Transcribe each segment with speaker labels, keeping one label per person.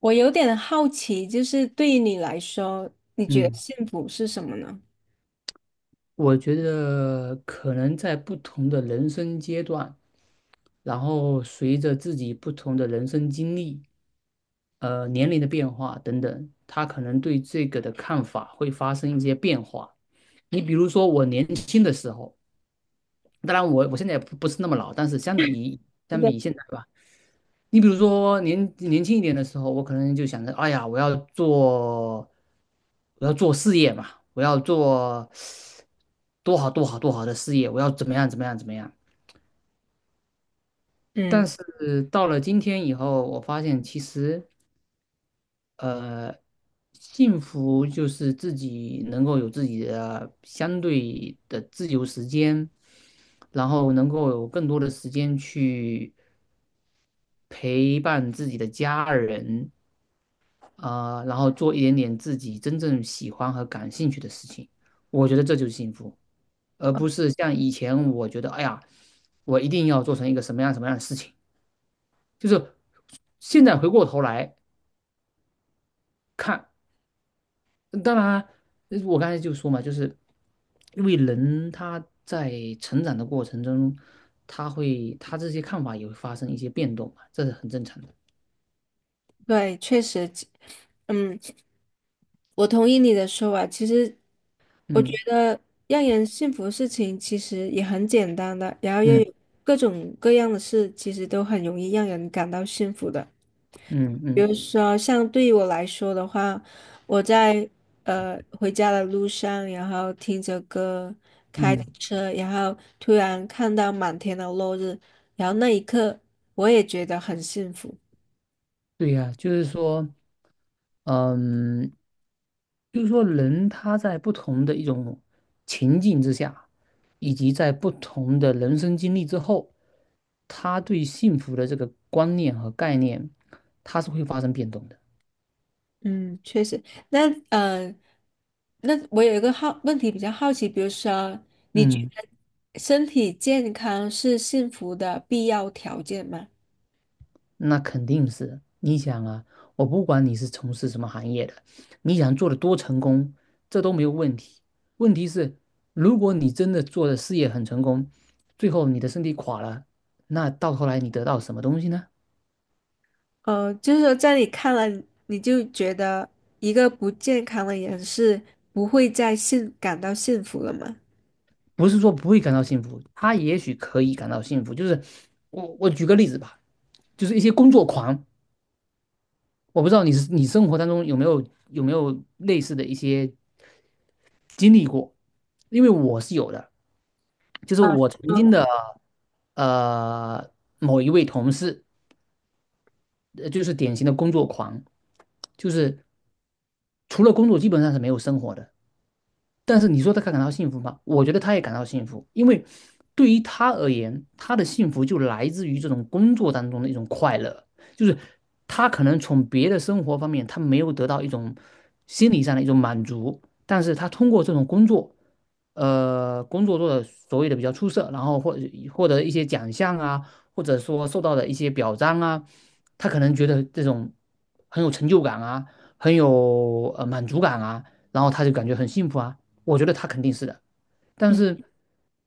Speaker 1: 我有点好奇，就是对于你来说，你觉得
Speaker 2: 嗯，
Speaker 1: 幸福是什么呢？
Speaker 2: 我觉得可能在不同的人生阶段，然后随着自己不同的人生经历、年龄的变化等等，他可能对这个的看法会发生一些变化。你比如说，我年轻的时候，当然我现在也不是那么老，但是相
Speaker 1: 对，
Speaker 2: 比现在吧。你比如说年轻一点的时候，我可能就想着，哎呀，我要做，我要做事业嘛，我要做多好的事业，我要怎么样。但
Speaker 1: 嗯，
Speaker 2: 是到了今天以后，我发现其实呃，幸福就是自己能够有自己的相对的自由时间，然后能够有更多的时间去陪伴自己的家人，啊，然后做一点点自己真正喜欢和感兴趣的事情，我觉得这就是幸福，而不是像以前我觉得，哎呀，我一定要做成一个什么样的事情。就是现在回过头来看，当然，我刚才就说嘛，就是因为人他在成长的过程中，他这些看法也会发生一些变动嘛，这是很正常的。
Speaker 1: 对，确实，嗯，我同意你的说法。其实，我觉
Speaker 2: 嗯
Speaker 1: 得让人幸福的事情其实也很简单的，然后又
Speaker 2: 嗯
Speaker 1: 有各种各样的事，其实都很容易让人感到幸福的。
Speaker 2: 嗯
Speaker 1: 比
Speaker 2: 嗯
Speaker 1: 如说，像对于我来说的话，我在回家的路上，然后听着歌，开着
Speaker 2: 嗯，
Speaker 1: 车，然后突然看到满天的落日，然后那一刻我也觉得很幸福。
Speaker 2: 对呀，就是说。嗯，就是说人他在不同的一种情境之下，以及在不同的人生经历之后，他对幸福的这个观念和概念，它是会发生变动的。
Speaker 1: 嗯，确实。那呃，那我有一个好问题比较好奇，比如说，你觉
Speaker 2: 嗯，
Speaker 1: 得身体健康是幸福的必要条件吗？
Speaker 2: 那肯定是。你想啊，我不管你是从事什么行业的，你想做的多成功，这都没有问题。问题是，如果你真的做的事业很成功，最后你的身体垮了，那到头来你得到什么东西呢？
Speaker 1: 就是说在你看了，你就觉得一个不健康的人是不会再幸感到幸福了吗？
Speaker 2: 不是说不会感到幸福，他也许可以感到幸福。就是我举个例子吧，就是一些工作狂，我不知道你是你生活当中有没有类似的一些经历过，因为我是有的，就是
Speaker 1: 嗯
Speaker 2: 我曾
Speaker 1: 嗯
Speaker 2: 经的呃某一位同事，就是典型的工作狂，就是除了工作基本上是没有生活的。但是你说他感到幸福吗？我觉得他也感到幸福，因为对于他而言，他的幸福就来自于这种工作当中的一种快乐，就是他可能从别的生活方面他没有得到一种心理上的一种满足，但是他通过这种工作。工作做的所谓的比较出色，然后或获得一些奖项啊，或者说受到的一些表彰啊，他可能觉得这种很有成就感啊，很有满足感啊，然后他就感觉很幸福啊。我觉得他肯定是的，但
Speaker 1: 嗯，
Speaker 2: 是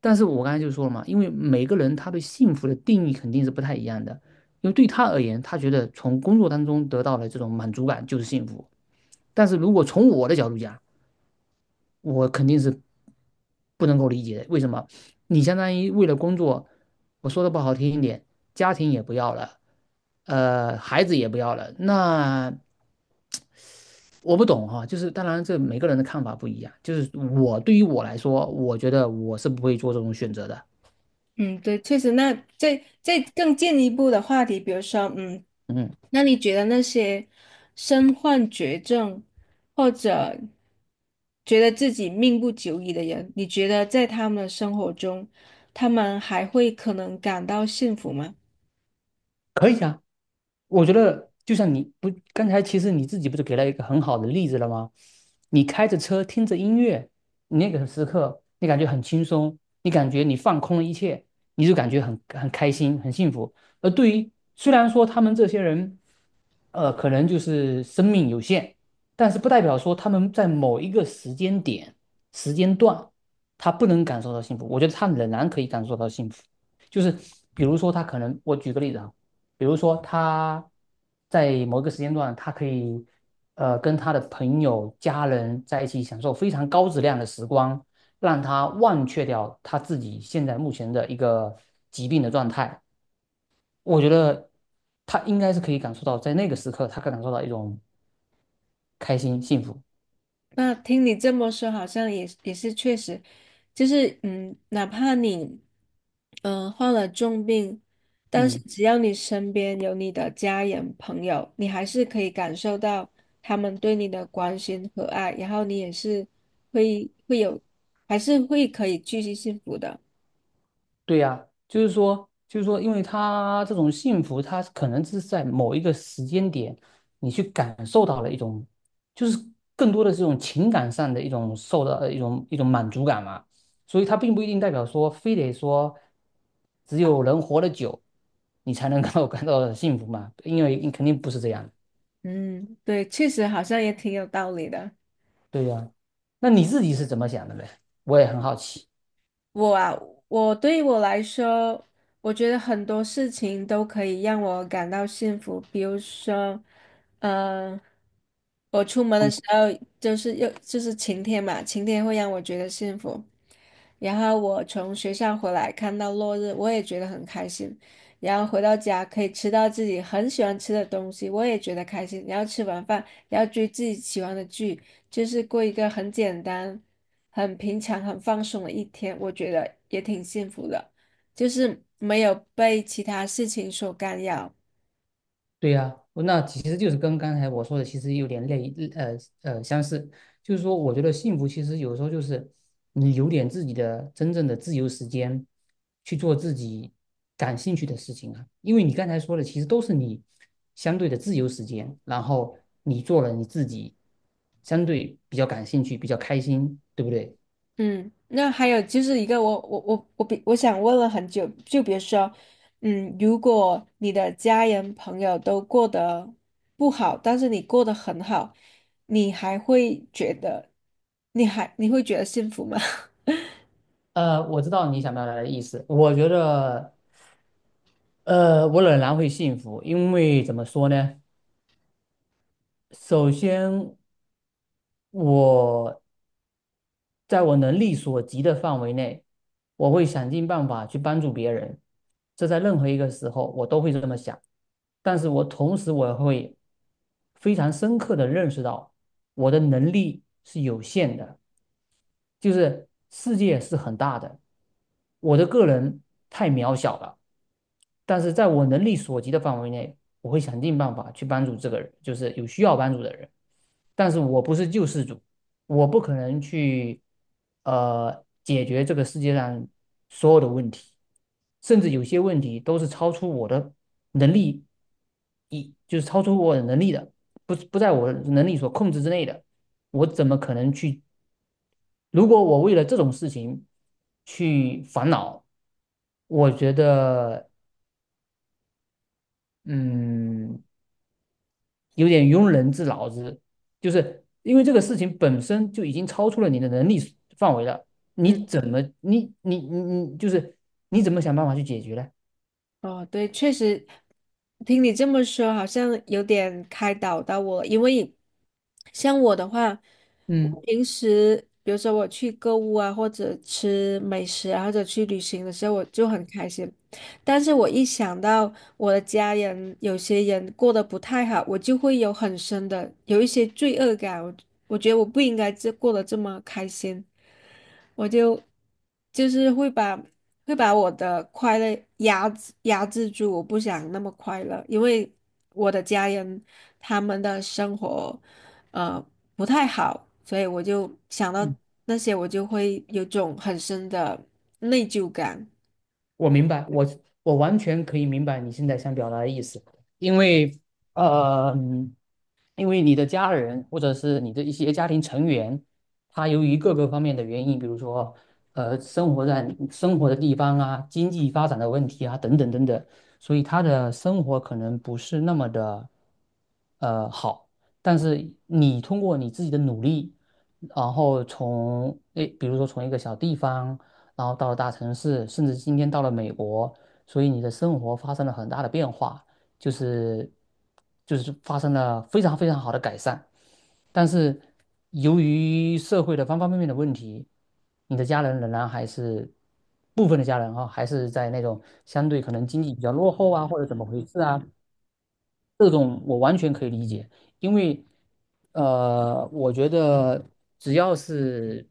Speaker 2: 我刚才就说了嘛，因为每个人他对幸福的定义肯定是不太一样的。因为对他而言，他觉得从工作当中得到了这种满足感就是幸福。但是如果从我的角度讲，我肯定是不能够理解的。为什么？你相当于为了工作，我说的不好听一点，家庭也不要了，孩子也不要了。那我不懂哈，就是当然这每个人的看法不一样。就是我对于我来说，我觉得我是不会做这种选择的。
Speaker 1: 嗯，对，确实。那再更进一步的话题，比如说，嗯，
Speaker 2: 嗯，
Speaker 1: 那你觉得那些身患绝症或者觉得自己命不久矣的人，你觉得在他们的生活中，他们还会可能感到幸福吗？
Speaker 2: 可以啊。我觉得就像你不，刚才其实你自己不是给了一个很好的例子了吗？你开着车听着音乐，你那个时刻你感觉很轻松，你感觉你放空了一切，你就感觉很开心、很幸福。而对于虽然说他们这些人，可能就是生命有限，但是不代表说他们在某一个时间点、时间段，他不能感受到幸福。我觉得他仍然可以感受到幸福。就是比如说，他可能我举个例子啊。比如说他在某一个时间段，他可以跟他的朋友、家人在一起享受非常高质量的时光，让他忘却掉他自己现在目前的一个疾病的状态。我觉得他应该是可以感受到，在那个时刻，他可以感受到一种开心、幸福。
Speaker 1: 那听你这么说，好像也是确实，就是嗯，哪怕你患了重病，但是
Speaker 2: 嗯。
Speaker 1: 只要你身边有你的家人朋友，你还是可以感受到他们对你的关心和爱，然后你也是会会有，还是会可以继续幸福的。
Speaker 2: 对呀，就是说，因为他这种幸福，他可能是在某一个时间点，你去感受到了一种，就是更多的这种情感上的一种受到一种满足感嘛。所以它并不一定代表说，非得说，只有人活得久，你才能够 感到幸福嘛。因为肯定不是这样的。
Speaker 1: 嗯，对，确实好像也挺有道理的。
Speaker 2: 对呀，那你自己是怎么想的呢？我也很好奇。
Speaker 1: 我啊，我对于我来说，我觉得很多事情都可以让我感到幸福。比如说，嗯、我出门的时候就是又就是晴天嘛，晴天会让我觉得幸福。然后我从学校回来看到落日，我也觉得很开心。然后回到家可以吃到自己很喜欢吃的东西，我也觉得开心。然后吃完饭，然后追自己喜欢的剧，就是过一个很简单、很平常、很放松的一天，我觉得也挺幸福的，就是没有被其他事情所干扰。
Speaker 2: 对呀，那其实就是跟刚才我说的，其实有点类呃相似。就是说，我觉得幸福其实有时候就是你有点自己的真正的自由时间，去做自己感兴趣的事情啊。因为你刚才说的，其实都是你相对的自由时间，然后你做了你自己相对比较感兴趣、比较开心，对不对？
Speaker 1: 嗯，那还有就是一个我想问了很久，就比如说，嗯，如果你的家人朋友都过得不好，但是你过得很好，你还会觉得，你会觉得幸福吗？
Speaker 2: 我知道你想表达的意思。我觉得，我仍然会幸福，因为怎么说呢？首先，我在我能力所及的范围内，我会想尽办法去帮助别人。这在任何一个时候我都会这么想，但是我同时我会非常深刻的认识到我的能力是有限的，就是世界是很大的，我的个人太渺小了。但是在我能力所及的范围内，我会想尽办法去帮助这个人，就是有需要帮助的人。但是我不是救世主，我不可能去解决这个世界上所有的问题，甚至有些问题都是超出我的能力，就是超出我的能力的，不在我能力所控制之内的，我怎么可能去？如果我为了这种事情去烦恼，我觉得。嗯，有点庸人自扰之，就是因为这个事情本身就已经超出了你的能力范围了，
Speaker 1: 嗯，
Speaker 2: 你怎么你你你你就是你怎么想办法去解决呢？
Speaker 1: 哦，对，确实，听你这么说，好像有点开导到我了，因为像我的话，我
Speaker 2: 嗯，
Speaker 1: 平时比如说我去购物啊，或者吃美食啊，或者去旅行的时候，我就很开心。但是我一想到我的家人有些人过得不太好，我就会有很深的有一些罪恶感。我觉得我不应该过得这么开心，我就就是会把我的快乐压制住，我不想那么快乐，因为我的家人他们的生活呃不太好，所以我就想到那些，我就会有种很深的内疚感。
Speaker 2: 我明白，我完全可以明白你现在想表达的意思，因为呃，因为你的家人或者是你的一些家庭成员，他由于各个方面的原因，比如说生活在生活的地方啊、经济发展的问题啊等等等等，所以他的生活可能不是那么的好。但是你通过你自己的努力，然后从诶，比如说从一个小地方，然后到了大城市，甚至今天到了美国，所以你的生活发生了很大的变化。就是就是发生了非常非常好的改善，但是由于社会的方方面面的问题，你的家人仍然还是部分的家人哈，还是在那种相对可能经济比较落后啊，或者怎么回事啊，这种我完全可以理解，因为我觉得只要是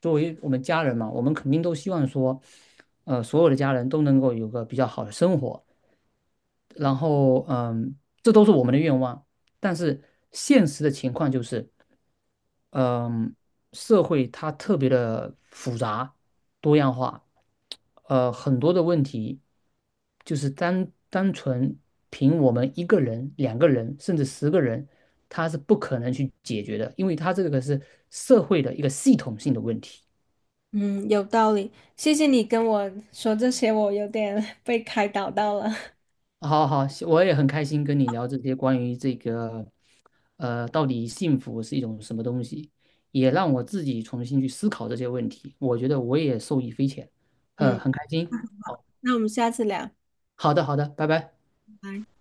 Speaker 2: 作为我们家人嘛，我们肯定都希望说，所有的家人都能够有个比较好的生活。然后嗯，这都是我们的愿望，但是现实的情况就是，嗯，社会它特别的复杂、多样化，很多的问题就是单纯凭我们一个人、两个人，甚至十个人，他是不可能去解决的，因为他这个是社会的一个系统性的问题。
Speaker 1: 嗯，有道理。谢谢你跟我说这些，我有点 被开导到了。
Speaker 2: 好好，我也很开心跟你聊这些关于这个，到底幸福是一种什么东西，也让我自己重新去思考这些问题。我觉得我也受益匪浅，
Speaker 1: 嗯，
Speaker 2: 很开心。哦，
Speaker 1: 那我们下次聊，拜
Speaker 2: 好的，好的，拜拜。
Speaker 1: 拜。